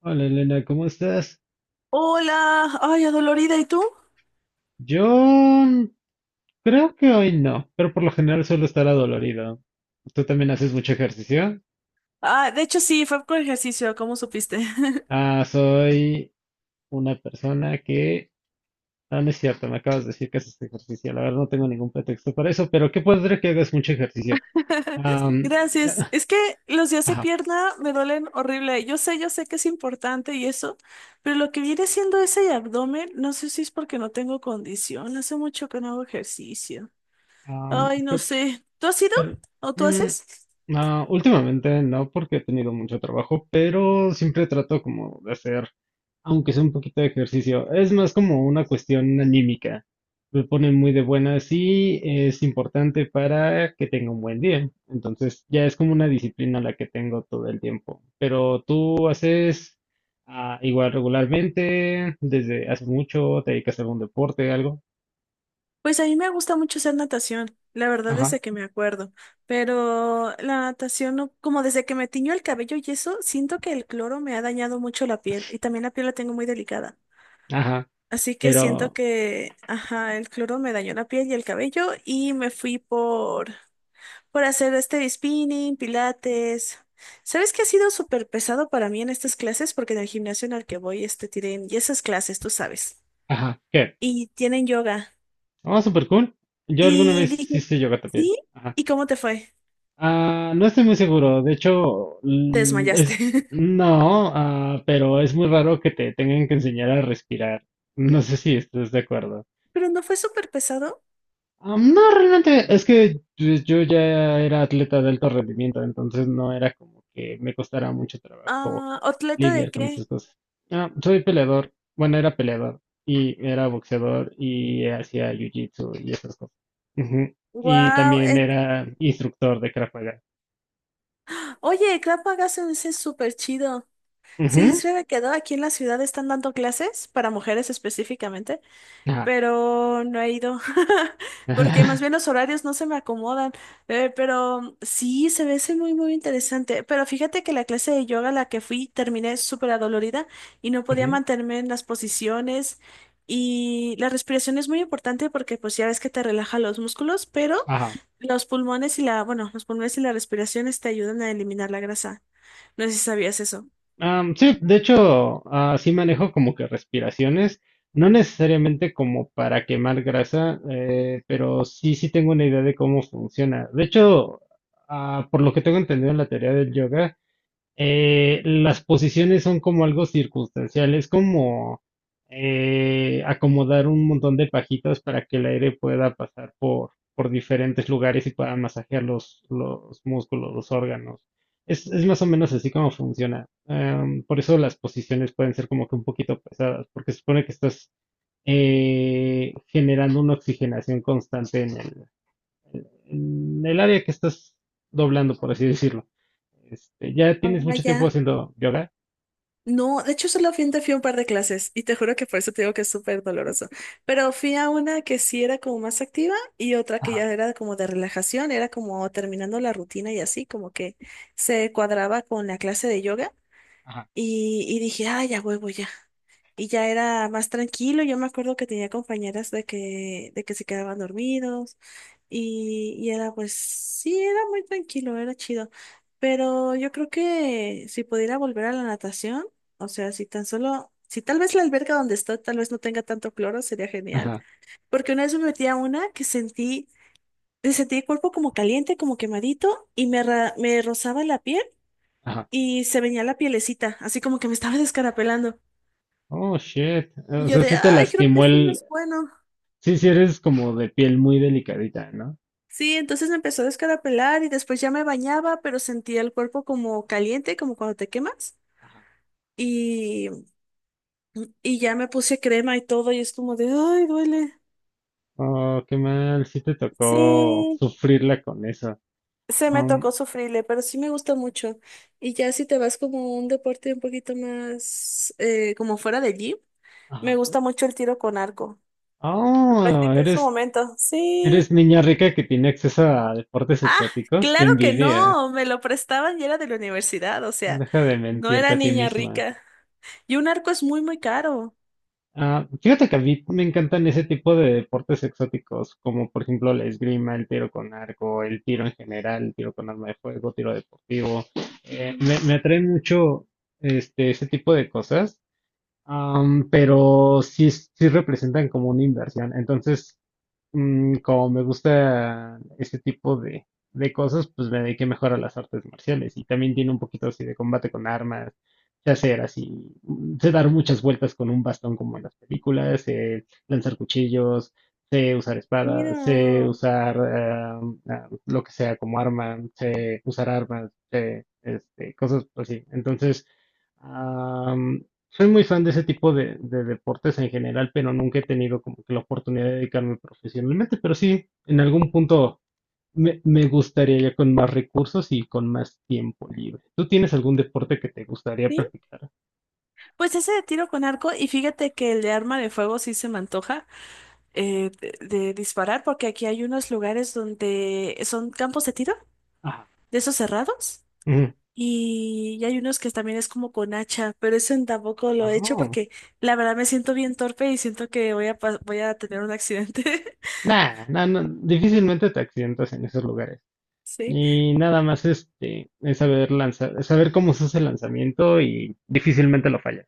Hola Elena, ¿cómo estás? Hola, ay, adolorida, ¿y tú? Yo creo que hoy no, pero por lo general suelo estar adolorido. ¿Tú también haces mucho ejercicio? Ah, de hecho sí, fue con ejercicio, ¿cómo supiste? Ah, soy una persona que... No, no es cierto, me acabas de decir que haces ejercicio. La verdad no tengo ningún pretexto para eso, pero qué padre que hagas mucho ejercicio. Am, Gracias. Es que los días de ajá, pierna me duelen horrible. Yo sé que es importante y eso, pero lo que viene siendo ese abdomen, no sé si es porque no tengo condición. Hace mucho que no hago ejercicio. am, Ay, no sé. ¿Tú has ido? Pero, ¿O tú mm, haces? no, últimamente no, porque he tenido mucho trabajo, pero siempre trato como de hacer, aunque sea un poquito de ejercicio. Es más como una cuestión anímica. Me pone muy de buenas y es importante para que tenga un buen día. Entonces, ya es como una disciplina la que tengo todo el tiempo. Pero tú haces igual regularmente, desde hace mucho, te dedicas a algún deporte, algo. Pues a mí me gusta mucho hacer natación, la verdad Ajá, desde que me acuerdo, pero la natación, como desde que me tiñó el cabello y eso, siento que el cloro me ha dañado mucho la piel y también la piel la tengo muy delicada. ajá, Así que siento pero, que, ajá, el cloro me dañó la piel y el cabello y me fui por hacer este spinning, pilates. ¿Sabes qué ha sido súper pesado para mí en estas clases? Porque en el gimnasio en el que voy, este, tienen, y esas clases, tú sabes, ajá, ¿qué? y tienen yoga. Ah, súper cool. Yo alguna Y vez sí dije, hice yoga también. ¿sí? Ajá. ¿Y cómo te fue? Ah, no estoy muy seguro. De hecho, Te desmayaste. es, no, pero es muy raro que te tengan que enseñar a respirar. No sé si estás de acuerdo. Pero no fue súper pesado. No, realmente es que pues, yo ya era atleta de alto rendimiento, entonces no era como que me costara mucho trabajo Ah, ¿atleta de lidiar con qué? esas cosas. Ah, soy peleador, bueno, era peleador y era boxeador y hacía jiu-jitsu y esas cosas. Ujú. Y Wow. también era instructor de Krav Maga. Oye, Krav se ese es súper chido. Sí, Ujú. se me quedó aquí en la ciudad, están dando clases para mujeres específicamente, Ajá. pero no he ido, porque más bien los horarios no se me acomodan. Pero sí, se ve ese muy interesante, pero fíjate que la clase de yoga a la que fui terminé súper adolorida y no podía Ujú. mantenerme en las posiciones y la respiración es muy importante porque pues ya ves que te relaja los músculos, pero Ajá. los pulmones y la, bueno, los pulmones y la respiración te ayudan a eliminar la grasa. No sé si sabías eso. Am, sí, de hecho, sí manejo como que respiraciones, no necesariamente como para quemar grasa, pero sí, sí tengo una idea de cómo funciona. De hecho, por lo que tengo entendido en la teoría del yoga, las posiciones son como algo circunstancial, es como acomodar un montón de pajitas para que el aire pueda pasar por diferentes lugares y pueda masajear los músculos, los órganos. Es más o menos así como funciona. Por eso las posiciones pueden ser como que un poquito pesadas, porque se supone que estás generando una oxigenación constante en en el área que estás doblando, por así decirlo. Este, ¿ya tienes Ah, mucho tiempo ya. haciendo yoga? No, de hecho solamente fui a un par de clases y te juro que por eso te digo que es súper doloroso. Pero fui a una que sí era como más activa y otra que Ajá, ya era como de relajación, era como terminando la rutina y así, como que se cuadraba con la clase de yoga ajá. y dije, ah, ya huevo, ya. Y ya era más tranquilo, yo me acuerdo que tenía compañeras de que se quedaban dormidos y era pues, sí, era muy tranquilo, era chido. Pero yo creo que si pudiera volver a la natación, o sea, si tan solo, si tal vez la alberca donde estoy tal vez no tenga tanto cloro, sería genial. Ajá, Porque una vez me metí a una que sentí el cuerpo como caliente, como quemadito, me rozaba la piel ajá. y se venía la pielecita, así como que me estaba descarapelando. Oh, shit. Y O yo sea, de, sí te ay, creo que lastimó esto no el... es bueno. Sí, sí eres como de piel muy delicadita, ¿no? Sí, entonces me empezó a descarapelar y después ya me bañaba, pero sentía el cuerpo como caliente, como cuando te quemas. Ajá. Y, y ya me puse crema y todo y es como de, ay, duele. Oh, qué mal, sí te tocó Sí, sufrirla con eso. se me Um, tocó sufrirle, pero sí me gusta mucho. Y ya si te vas como a un deporte un poquito más, como fuera de allí, me ajá. gusta mucho el tiro con arco. Lo Oh, practiqué en su eres, momento. eres Sí. niña rica que tiene acceso a deportes Ah, exóticos. Qué claro que envidia. no, me lo prestaban y era de la universidad, o sea, Deja de no mentirte era a ti niña misma. rica. Y un arco es muy caro. Ah, fíjate que a mí me encantan ese tipo de deportes exóticos, como por ejemplo la esgrima, el tiro con arco, el tiro en general, el tiro con arma de fuego, tiro deportivo. Ujú. Me atraen mucho este, ese tipo de cosas, pero sí, sí representan como una inversión. Entonces, como me gusta ese tipo de cosas, pues me dediqué mejor a las artes marciales y también tiene un poquito así de combate con armas, sé hacer así, sé dar muchas vueltas con un bastón como en las películas, sé lanzar cuchillos, sé usar espadas, sé Tiro. usar ah, lo que sea como arma, sé usar armas, sé, este, cosas así. Entonces, soy muy fan de ese tipo de deportes en general, pero nunca he tenido como que la oportunidad de dedicarme profesionalmente. Pero sí, en algún punto me gustaría ya con más recursos y con más tiempo libre. ¿Tú tienes algún deporte que te gustaría ¿Sí? practicar? Pues ese de tiro con arco, y fíjate que el de arma de fuego sí se me antoja de disparar, porque aquí hay unos lugares donde son campos de tiro, Ajá. de esos cerrados, Ujú. Y hay unos que también es como con hacha, pero eso tampoco lo Ah, he hecho no. porque la verdad me siento bien torpe y siento que voy voy a tener un accidente. Nah, nah, no, difícilmente te accidentas en esos lugares. Sí. Y nada más este, es saber lanzar, es saber cómo se hace el lanzamiento y difícilmente lo fallas.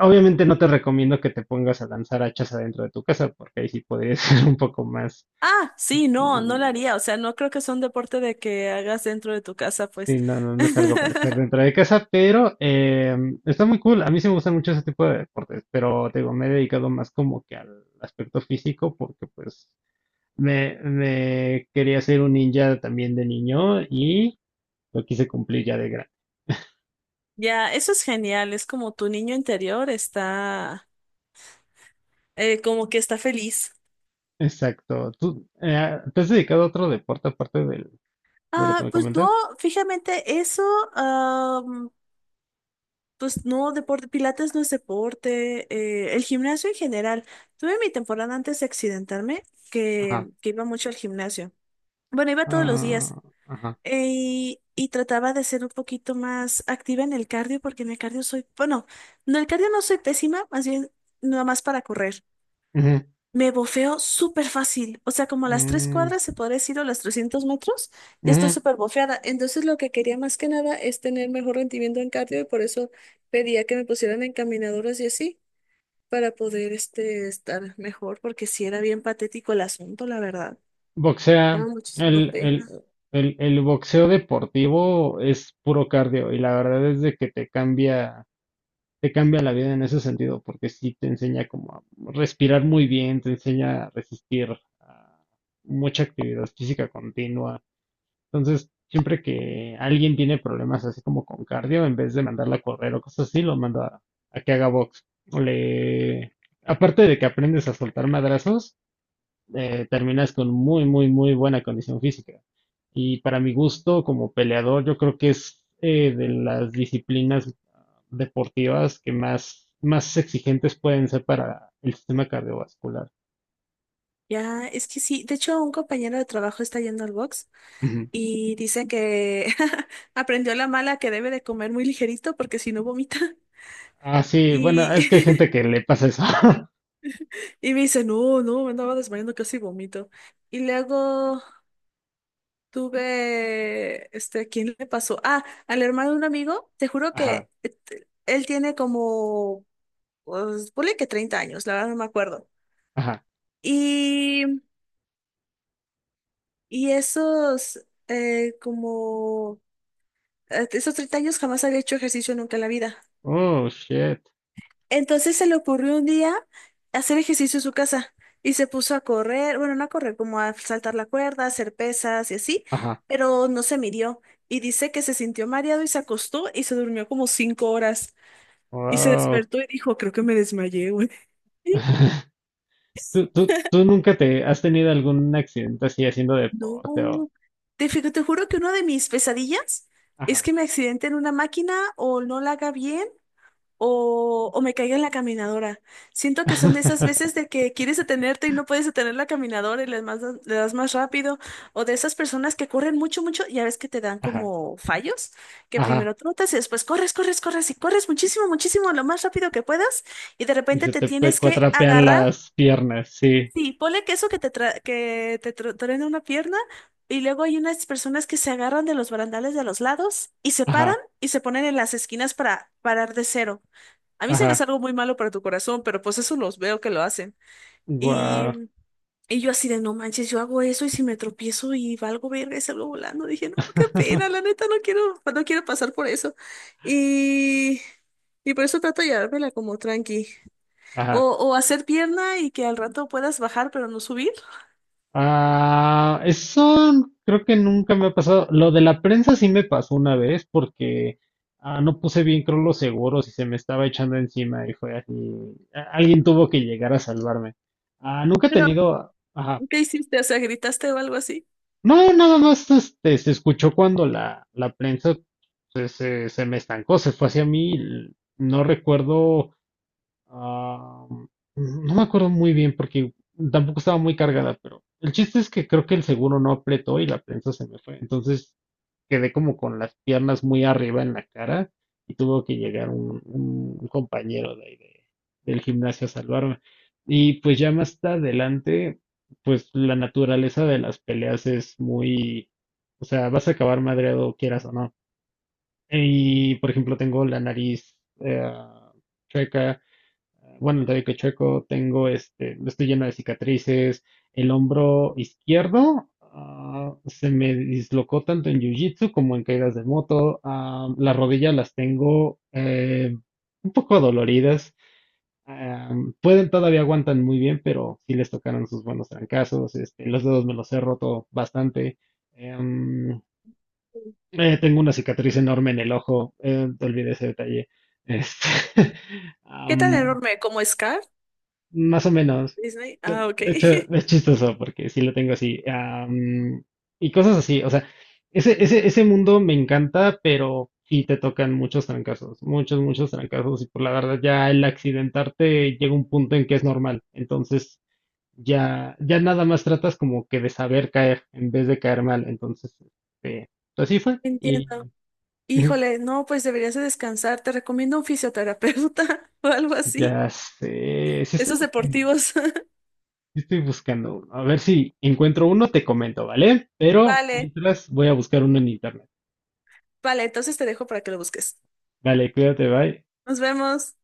Obviamente no te recomiendo que te pongas a lanzar hachas adentro de tu casa, porque ahí sí podría ser un poco más... Ah, sí, no, no lo mm, haría. O sea, no creo que sea un deporte de que hagas dentro de tu casa, pues. Sí, no, no, no es algo para hacer dentro de casa, pero está muy cool. A mí sí me gustan mucho ese tipo de deportes, pero te digo, me he dedicado más como que al aspecto físico, porque pues me quería ser un ninja también de niño y lo quise cumplir ya de grande. Ya, eso es genial. Es como tu niño interior está, como que está feliz. Exacto. ¿Tú te has dedicado a otro deporte aparte del- de lo que Ah, me pues no, comentas? fíjate, am, pues no, deporte, Pilates no es deporte, el gimnasio en general. Tuve mi temporada antes de accidentarme Ajá. que iba mucho al gimnasio. Bueno, iba todos los días. Ah, ajá. Y trataba de ser un poquito más activa en el cardio, porque en el cardio soy, bueno, no, el cardio no soy pésima, más bien nada más para correr. Ujú. Me bofeo súper fácil, o sea, como las tres Mm, cuadras se podría decir o las 300 metros, ya estoy ujú. súper bofeada. Entonces lo que quería más que nada es tener mejor rendimiento en cardio y por eso pedía que me pusieran en caminadoras y así, para poder este, estar mejor, porque sí era bien patético el asunto, la verdad. Boxea. Daba muchísima El, el, pena. El boxeo deportivo es puro cardio y la verdad es de que te cambia la vida en ese sentido, porque sí te enseña como a respirar muy bien, te enseña a resistir a mucha actividad física continua. Entonces, siempre que alguien tiene problemas así como con cardio, en vez de mandarla a correr o cosas así, lo manda a que haga box. O le... Aparte de que aprendes a soltar madrazos, terminas con muy, muy, muy buena condición física. Y para mi gusto, como peleador, yo creo que es de las disciplinas deportivas que más, más exigentes pueden ser para el sistema cardiovascular. Ya, es que sí. De hecho, un compañero de trabajo está yendo al box Ujú. y dice que aprendió la mala que debe de comer muy ligerito porque si no vomita. Ah, sí, bueno, es que hay Y, gente que le pasa eso. y me dice, no, no, me andaba desmayando casi vomito. Y luego tuve, este, ¿quién le pasó? Ah, al hermano de un amigo, te juro Ajá, que él tiene como, pues, ponle que 30 años, la verdad no me acuerdo. ajá. Y, y esos, eh, como... esos 30 años jamás había hecho ejercicio nunca en la vida. Oh, shit. Entonces se le ocurrió un día hacer ejercicio en su casa y se puso a correr, bueno, no a correr, como a saltar la cuerda, hacer pesas y así, Ajá. pero no se midió y dice que se sintió mareado y se acostó y se durmió como 5 horas y se Wow. despertó y dijo, creo que me desmayé, güey. ¿Tú, tú, tú nunca te has tenido algún accidente así haciendo deporte o... No, te juro que una de mis pesadillas es Ajá. que me accidente en una máquina o no la haga bien o me caiga en la caminadora. Siento que son de esas veces de que quieres detenerte y no puedes detener la caminadora y le das más rápido, o de esas personas que corren mucho, mucho, ya ves que te dan Ajá. como fallos, que Ajá. primero trotas y después corres, corres, corres y corres muchísimo, muchísimo, lo más rápido que puedas y de Y repente se te te pe- tienes que cuatrapean agarrar. las piernas, sí. Sí, ponle que eso que truena una pierna y luego hay unas personas que se agarran de los barandales de los lados y se paran Ajá, y se ponen en las esquinas para parar de cero. A mí se me hace ajá. algo muy malo para tu corazón, pero pues eso los veo que lo hacen. Y, Guau. y yo así de, no manches, yo hago eso y si me tropiezo y valgo verga y salgo volando, dije, no, qué pena, la neta, no quiero, no quiero pasar por eso. Y, y por eso trato de llevármela como tranqui. Ajá. O hacer pierna y que al rato puedas bajar pero no subir. Ah, eso creo que nunca me ha pasado. Lo de la prensa sí me pasó una vez porque no puse bien creo los seguros y se me estaba echando encima y fue así. Alguien tuvo que llegar a salvarme. Ah, nunca he Pero, tenido. Ajá. ¿qué hiciste? O sea, ¿gritaste o algo así? No, nada más este, se escuchó cuando la prensa se me estancó, se fue hacia mí. No recuerdo. Ah, no me acuerdo muy bien porque tampoco estaba muy cargada, pero el chiste es que creo que el seguro no apretó y la prensa se me fue. Entonces quedé como con las piernas muy arriba en la cara y tuvo que llegar un compañero de ahí de- del gimnasio a salvarme. Y pues ya más adelante, pues la naturaleza de las peleas es muy, o sea, vas a acabar madreado quieras o no. Y por ejemplo, tengo la nariz chueca bueno, el tobillo que chueco, tengo este, estoy lleno de cicatrices, el hombro izquierdo se me dislocó tanto en jiu-jitsu como en caídas de moto, las rodillas las tengo un poco doloridas, ah, pueden todavía aguantan muy bien, pero sí les tocaron sus buenos trancazos, este, los dedos me los he roto bastante, em, tengo una cicatriz enorme en el ojo, te olvidé ese detalle. Este, ¿Qué tan am, enorme? ¿Como Scar? más o menos. Disney. Ah, ok. De hecho, es chistoso porque sí lo tengo así. Y cosas así. O sea, ese mundo me encanta, pero sí te tocan muchos trancazos. Muchos, muchos trancazos. Y por la verdad, ya el accidentarte llega un punto en que es normal. Entonces, ya nada más tratas como que de saber caer en vez de caer mal. Entonces, este, así fue. Y Entiendo. ujú, Híjole, no, pues deberías de descansar. Te recomiendo un fisioterapeuta o algo así. ya sé. Sí estoy Esos buscando. deportivos. Estoy buscando uno. A ver si encuentro uno, te comento, ¿vale? Pero Vale, mientras voy a buscar uno en internet. vale, entonces te dejo para que lo busques. Vale, cuídate, bye. Nos vemos.